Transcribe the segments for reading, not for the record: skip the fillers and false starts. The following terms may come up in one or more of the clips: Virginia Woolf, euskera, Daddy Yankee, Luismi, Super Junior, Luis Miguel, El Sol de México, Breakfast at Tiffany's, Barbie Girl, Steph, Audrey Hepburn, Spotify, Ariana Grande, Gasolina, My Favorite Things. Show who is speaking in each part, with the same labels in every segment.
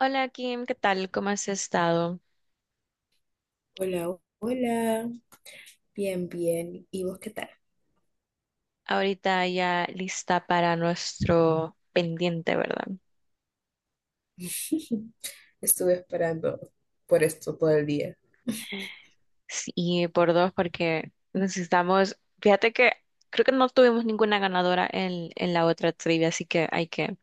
Speaker 1: Hola Kim, ¿qué tal? ¿Cómo has estado?
Speaker 2: Hola, hola, bien, bien. ¿Y vos qué tal?
Speaker 1: Ahorita ya lista para nuestro pendiente, ¿verdad?
Speaker 2: Estuve esperando por esto todo el día.
Speaker 1: Sí, y por dos, porque necesitamos, fíjate que creo que no tuvimos ninguna ganadora en la otra trivia, así que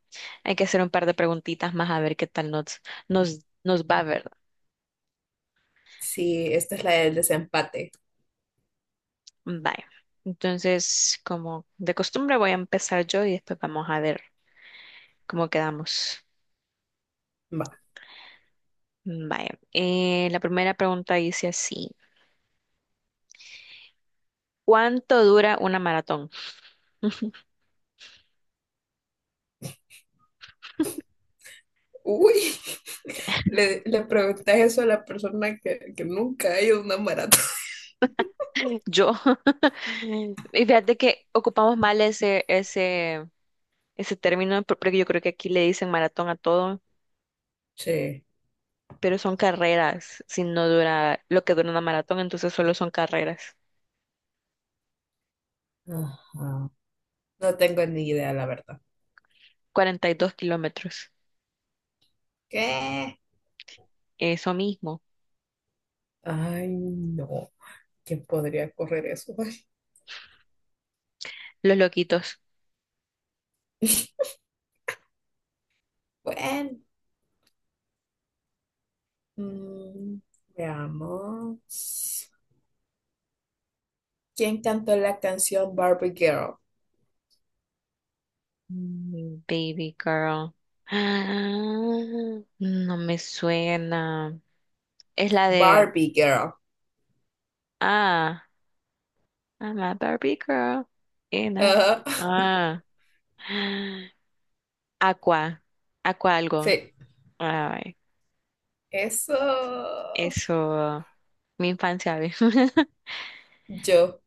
Speaker 1: hay que hacer un par de preguntitas más a ver qué tal nos va, ¿verdad?
Speaker 2: Sí, esta es la del desempate.
Speaker 1: Bye. Entonces, como de costumbre, voy a empezar yo y después vamos a ver cómo quedamos.
Speaker 2: Va.
Speaker 1: Vaya, la primera pregunta dice así. ¿Cuánto dura una maratón?
Speaker 2: Uy, le preguntas eso a la persona que nunca ha ido a una maratón.
Speaker 1: Yo, y fíjate que ocupamos mal ese término, porque yo creo que aquí le dicen maratón a todo,
Speaker 2: Sí.
Speaker 1: pero son carreras, si no dura lo que dura una maratón, entonces solo son carreras.
Speaker 2: Ajá. No tengo ni idea, la verdad.
Speaker 1: 42 kilómetros,
Speaker 2: ¿Qué?
Speaker 1: eso mismo,
Speaker 2: Ay, no. ¿Quién podría correr eso? Ay,
Speaker 1: los loquitos.
Speaker 2: bueno. Mm, veamos. ¿Quién cantó la canción Barbie Girl?
Speaker 1: Baby girl. Ah, no me suena. Es la de,
Speaker 2: Barbie Girl.
Speaker 1: ah, I'm a Barbie girl. Ena.
Speaker 2: Ajá.
Speaker 1: Ah. Aqua, Aqua algo.
Speaker 2: Sí,
Speaker 1: Ay,
Speaker 2: eso
Speaker 1: eso, mi infancia.
Speaker 2: yo.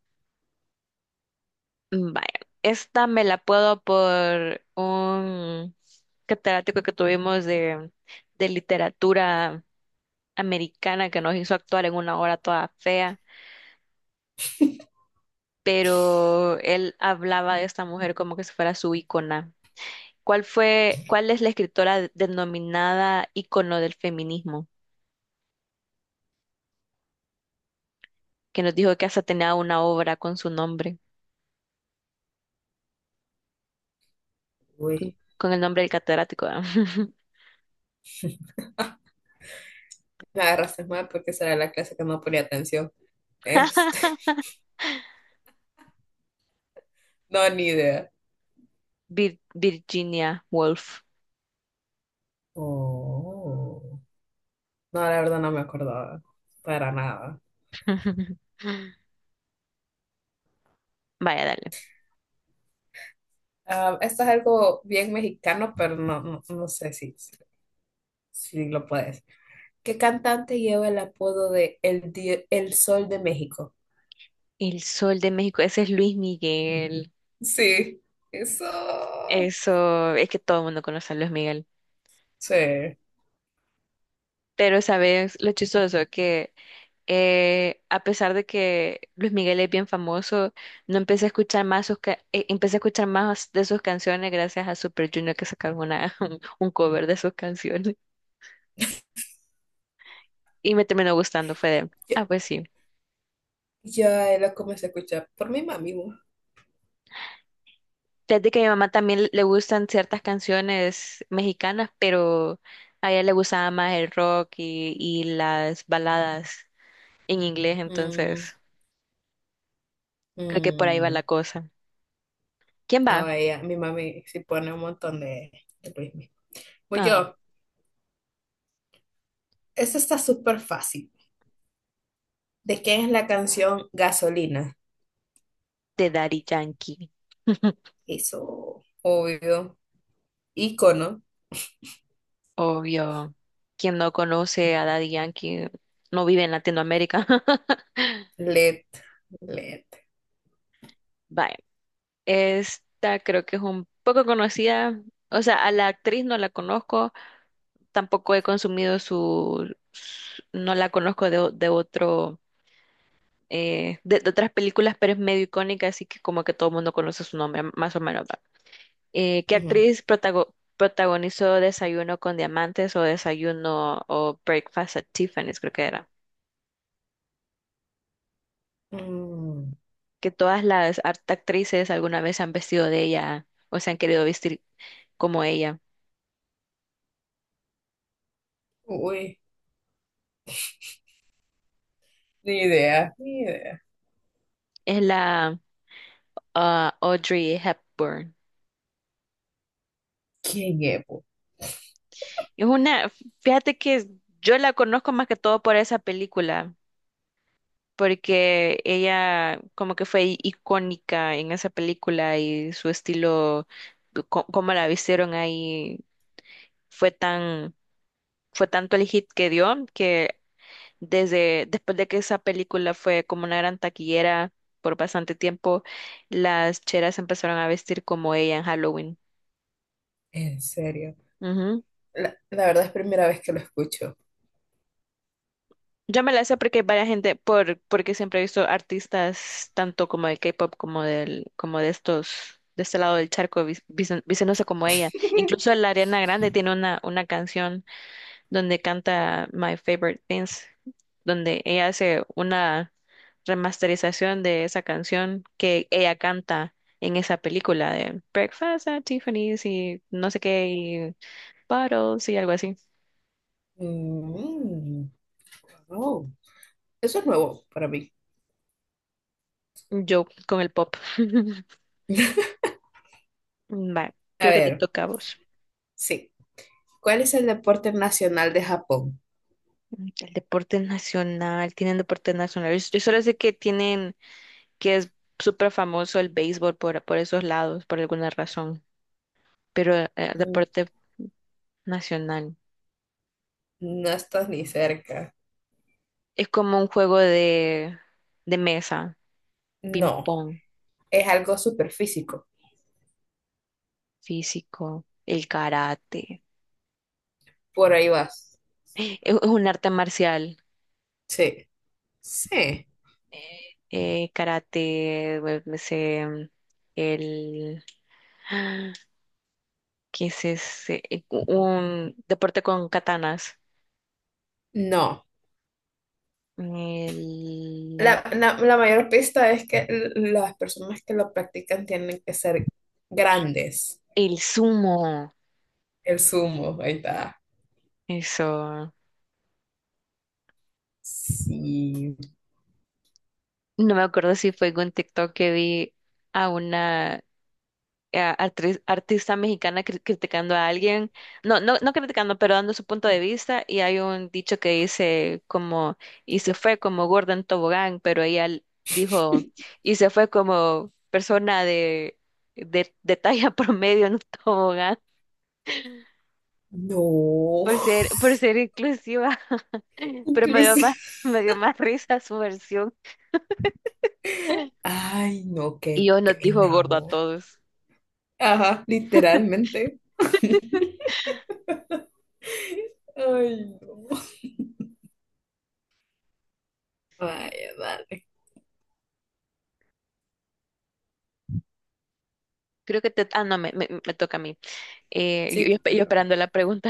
Speaker 1: Vaya, esta me la puedo por un catedrático que tuvimos de literatura americana que nos hizo actuar en una obra toda fea, pero él hablaba de esta mujer como que si fuera su ícona. ¿Cuál es la escritora denominada ícono del feminismo? Que nos dijo que hasta tenía una obra con su nombre.
Speaker 2: Uy,
Speaker 1: Con el nombre del catedrático, ¿verdad?
Speaker 2: me agarraste mal porque esa era la clase que no ponía atención. Este, no, ni idea.
Speaker 1: Virginia Woolf.
Speaker 2: Oh. No, la verdad no me acordaba para nada.
Speaker 1: Vaya, dale.
Speaker 2: Ah, esto es algo bien mexicano, pero no, no, no sé si lo puedes. ¿Qué cantante lleva el apodo de el Sol de México?
Speaker 1: El Sol de México, ese es Luis Miguel.
Speaker 2: Sí, eso.
Speaker 1: Eso, es que todo el mundo conoce a Luis Miguel.
Speaker 2: Sí.
Speaker 1: Pero sabes lo chistoso que a pesar de que Luis Miguel es bien famoso, no empecé a escuchar más empecé a escuchar más de sus canciones gracias a Super Junior que sacaron una, un cover de sus canciones. Y me terminó gustando, fue de,
Speaker 2: Ya,
Speaker 1: ah, pues sí.
Speaker 2: ya la comencé a escuchar por mi mami, bu.
Speaker 1: Desde que a mi mamá también le gustan ciertas canciones mexicanas, pero a ella le gustaba más el rock y las baladas en inglés,
Speaker 2: Mm,
Speaker 1: entonces creo que por ahí va
Speaker 2: mm.
Speaker 1: la cosa. ¿Quién
Speaker 2: No,
Speaker 1: va?
Speaker 2: ella, mi mami sí pone un montón de Luismi. Pues
Speaker 1: Ah,
Speaker 2: yo, eso está súper fácil. ¿De quién es la canción Gasolina?
Speaker 1: de Daddy Yankee.
Speaker 2: Eso, obvio. Ícono.
Speaker 1: Obvio. Quien no conoce a Daddy Yankee no vive en Latinoamérica.
Speaker 2: LED. LED.
Speaker 1: Vaya, esta creo que es un poco conocida. O sea, a la actriz no la conozco, tampoco he consumido no la conozco de otro, de otras películas, pero es medio icónica, así que como que todo el mundo conoce su nombre, más o menos, ¿va? Eh, ¿qué
Speaker 2: Ujú.
Speaker 1: actriz protago- protagonizó Desayuno con Diamantes o Desayuno o Breakfast at Tiffany's, creo que era?
Speaker 2: Mm,
Speaker 1: Que todas las actrices alguna vez se han vestido de ella o se han querido vestir como ella.
Speaker 2: uy, ni idea, ni idea.
Speaker 1: Es la ah, Audrey Hepburn.
Speaker 2: ¿Quién es, bu?
Speaker 1: Es una, fíjate que yo la conozco más que todo por esa película, porque ella como que fue icónica en esa película y su estilo, cómo la vistieron ahí, fue tan, fue tanto el hit que dio que desde después de que esa película fue como una gran taquillera por bastante tiempo, las cheras empezaron a vestir como ella en Halloween.
Speaker 2: En serio. La verdad es primera vez que lo escucho.
Speaker 1: Yo me la sé porque hay varias gente, porque siempre he visto artistas tanto como de K-pop como del, como de estos, de este lado del charco, vistiéndose como ella. Incluso la Ariana Grande tiene una canción donde canta My Favorite Things, donde ella hace una remasterización de esa canción que ella canta en esa película de Breakfast at Tiffany's y no sé qué, y Bottles y algo así.
Speaker 2: Mm, oh, eso es nuevo para mí.
Speaker 1: Yo con el pop. Va,
Speaker 2: A
Speaker 1: creo que te
Speaker 2: ver,
Speaker 1: toca a vos.
Speaker 2: sí. ¿Cuál es el deporte nacional de Japón?
Speaker 1: El deporte nacional, tienen deporte nacional. Yo solo sé que tienen, que es súper famoso el béisbol por esos lados, por alguna razón. Pero
Speaker 2: Mm,
Speaker 1: deporte nacional
Speaker 2: No estás ni cerca.
Speaker 1: es como un juego de mesa,
Speaker 2: No,
Speaker 1: ping-pong,
Speaker 2: es algo súper físico.
Speaker 1: físico, el karate.
Speaker 2: Por ahí vas.
Speaker 1: Es un arte marcial.
Speaker 2: Sí, sí.
Speaker 1: Me sé, el... ¿Qué es ese? Un deporte con katanas.
Speaker 2: No.
Speaker 1: El, la-
Speaker 2: La mayor pista es que las personas que lo practican tienen que ser grandes.
Speaker 1: el sumo,
Speaker 2: El sumo, ahí está.
Speaker 1: eso.
Speaker 2: Sí.
Speaker 1: No me acuerdo si fue en un TikTok que vi a una artista mexicana criticando a alguien. No, no criticando, pero dando su punto de vista. Y hay un dicho que dice como, y se fue como gorda en tobogán, pero ella dijo, y se fue como persona de talla promedio en un tobogán.
Speaker 2: No.
Speaker 1: Por ser inclusiva. Pero me dio
Speaker 2: Inclusive.
Speaker 1: me dio más risa su versión.
Speaker 2: Ay, no,
Speaker 1: Y
Speaker 2: qué
Speaker 1: yo nos dijo
Speaker 2: pena,
Speaker 1: gordo a
Speaker 2: vos.
Speaker 1: todos.
Speaker 2: Ajá, literalmente. Ay, no. Vaya, dale.
Speaker 1: Creo que te... Ah, no, me toca a mí.
Speaker 2: Sí, te
Speaker 1: Yo
Speaker 2: toca.
Speaker 1: esperando la pregunta.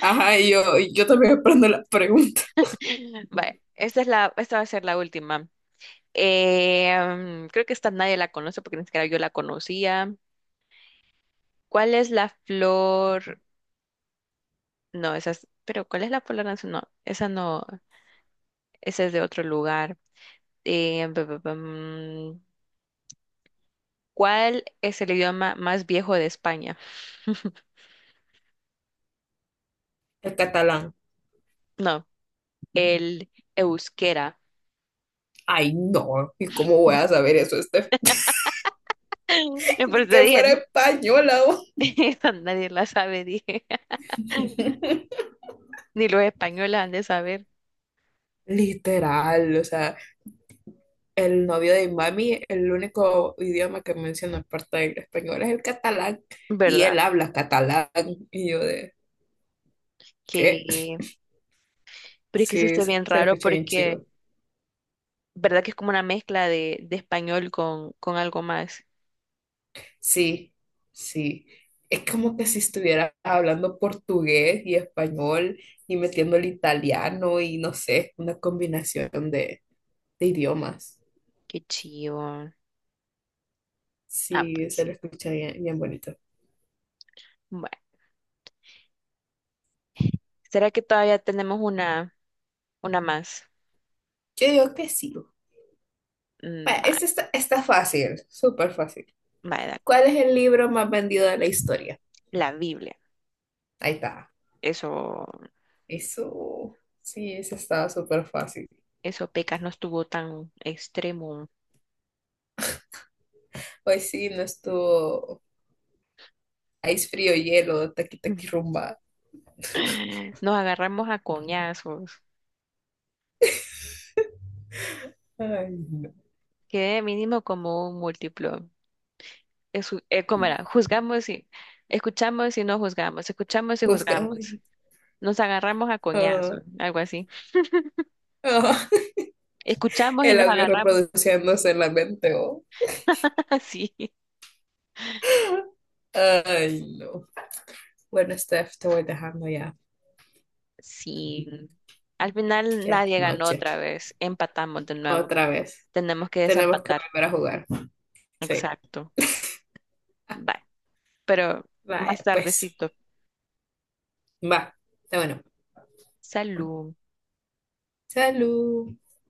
Speaker 2: Ajá, y yo también aprendo la pregunta.
Speaker 1: Vale, esta va a ser la última. Eh, creo que esta nadie la conoce porque ni siquiera yo la conocía. ¿Cuál es la flor? No, esa es... Pero ¿cuál es la flor nacional? No, esa no, esa es de otro lugar. Bum. ¿Cuál es el idioma más viejo de España?
Speaker 2: El catalán.
Speaker 1: No, el euskera.
Speaker 2: Ay, no. ¿Y cómo voy a saber eso?
Speaker 1: Y por
Speaker 2: Ni
Speaker 1: eso
Speaker 2: que fuera
Speaker 1: dije,
Speaker 2: española, vos.
Speaker 1: esa nadie la sabe, dije. Ni los españoles han de saber,
Speaker 2: Literal, o sea, el novio de mami, el único idioma que menciona aparte del español es el catalán y
Speaker 1: ¿verdad?
Speaker 2: él habla catalán y yo de, ¿qué?
Speaker 1: Que, pero es que eso
Speaker 2: Sí,
Speaker 1: está
Speaker 2: se
Speaker 1: bien
Speaker 2: se lo
Speaker 1: raro
Speaker 2: escucha bien
Speaker 1: porque,
Speaker 2: chido.
Speaker 1: ¿verdad que es como una mezcla de español con algo más?
Speaker 2: Sí, sí. Es como que si estuviera hablando portugués y español y metiendo el italiano y no sé, una combinación de idiomas.
Speaker 1: Qué chivo. Ah,
Speaker 2: Sí,
Speaker 1: pues
Speaker 2: se lo
Speaker 1: sí.
Speaker 2: escucha bien, bien bonito.
Speaker 1: Bueno, ¿será que todavía tenemos una más?
Speaker 2: Yo digo que sí. Bueno,
Speaker 1: Mm, va-
Speaker 2: este está fácil, súper fácil.
Speaker 1: va, da-
Speaker 2: ¿Cuál es el libro más vendido de la historia?
Speaker 1: la Biblia.
Speaker 2: Ahí está.
Speaker 1: Eso.
Speaker 2: Eso, sí, eso estaba súper fácil.
Speaker 1: Eso pecas no estuvo tan extremo.
Speaker 2: Hoy sí, no estuvo ice frío, hielo, taqui taqui rumba.
Speaker 1: Nos agarramos a coñazos.
Speaker 2: Ay, no.
Speaker 1: Quedé mínimo como un múltiplo. Es, ¿cómo era? Juzgamos y escuchamos y no juzgamos. Escuchamos y
Speaker 2: Juzgado.
Speaker 1: juzgamos. Nos agarramos a
Speaker 2: Ah,
Speaker 1: coñazos, algo así.
Speaker 2: ah,
Speaker 1: Escuchamos y
Speaker 2: el
Speaker 1: nos
Speaker 2: audio
Speaker 1: agarramos.
Speaker 2: reproduciéndose en la mente, oh.
Speaker 1: Así.
Speaker 2: Ay, no. Bueno, Steph, te voy dejando ya.
Speaker 1: Sí. Al final
Speaker 2: Ya es
Speaker 1: nadie ganó
Speaker 2: noche.
Speaker 1: otra vez. Empatamos de nuevo.
Speaker 2: Otra vez.
Speaker 1: Tenemos que
Speaker 2: Tenemos que
Speaker 1: desempatar.
Speaker 2: volver a jugar. Sí.
Speaker 1: Exacto. Bye. Pero más
Speaker 2: Vaya, pues.
Speaker 1: tardecito.
Speaker 2: Va. Está bueno.
Speaker 1: Salud.
Speaker 2: Salud.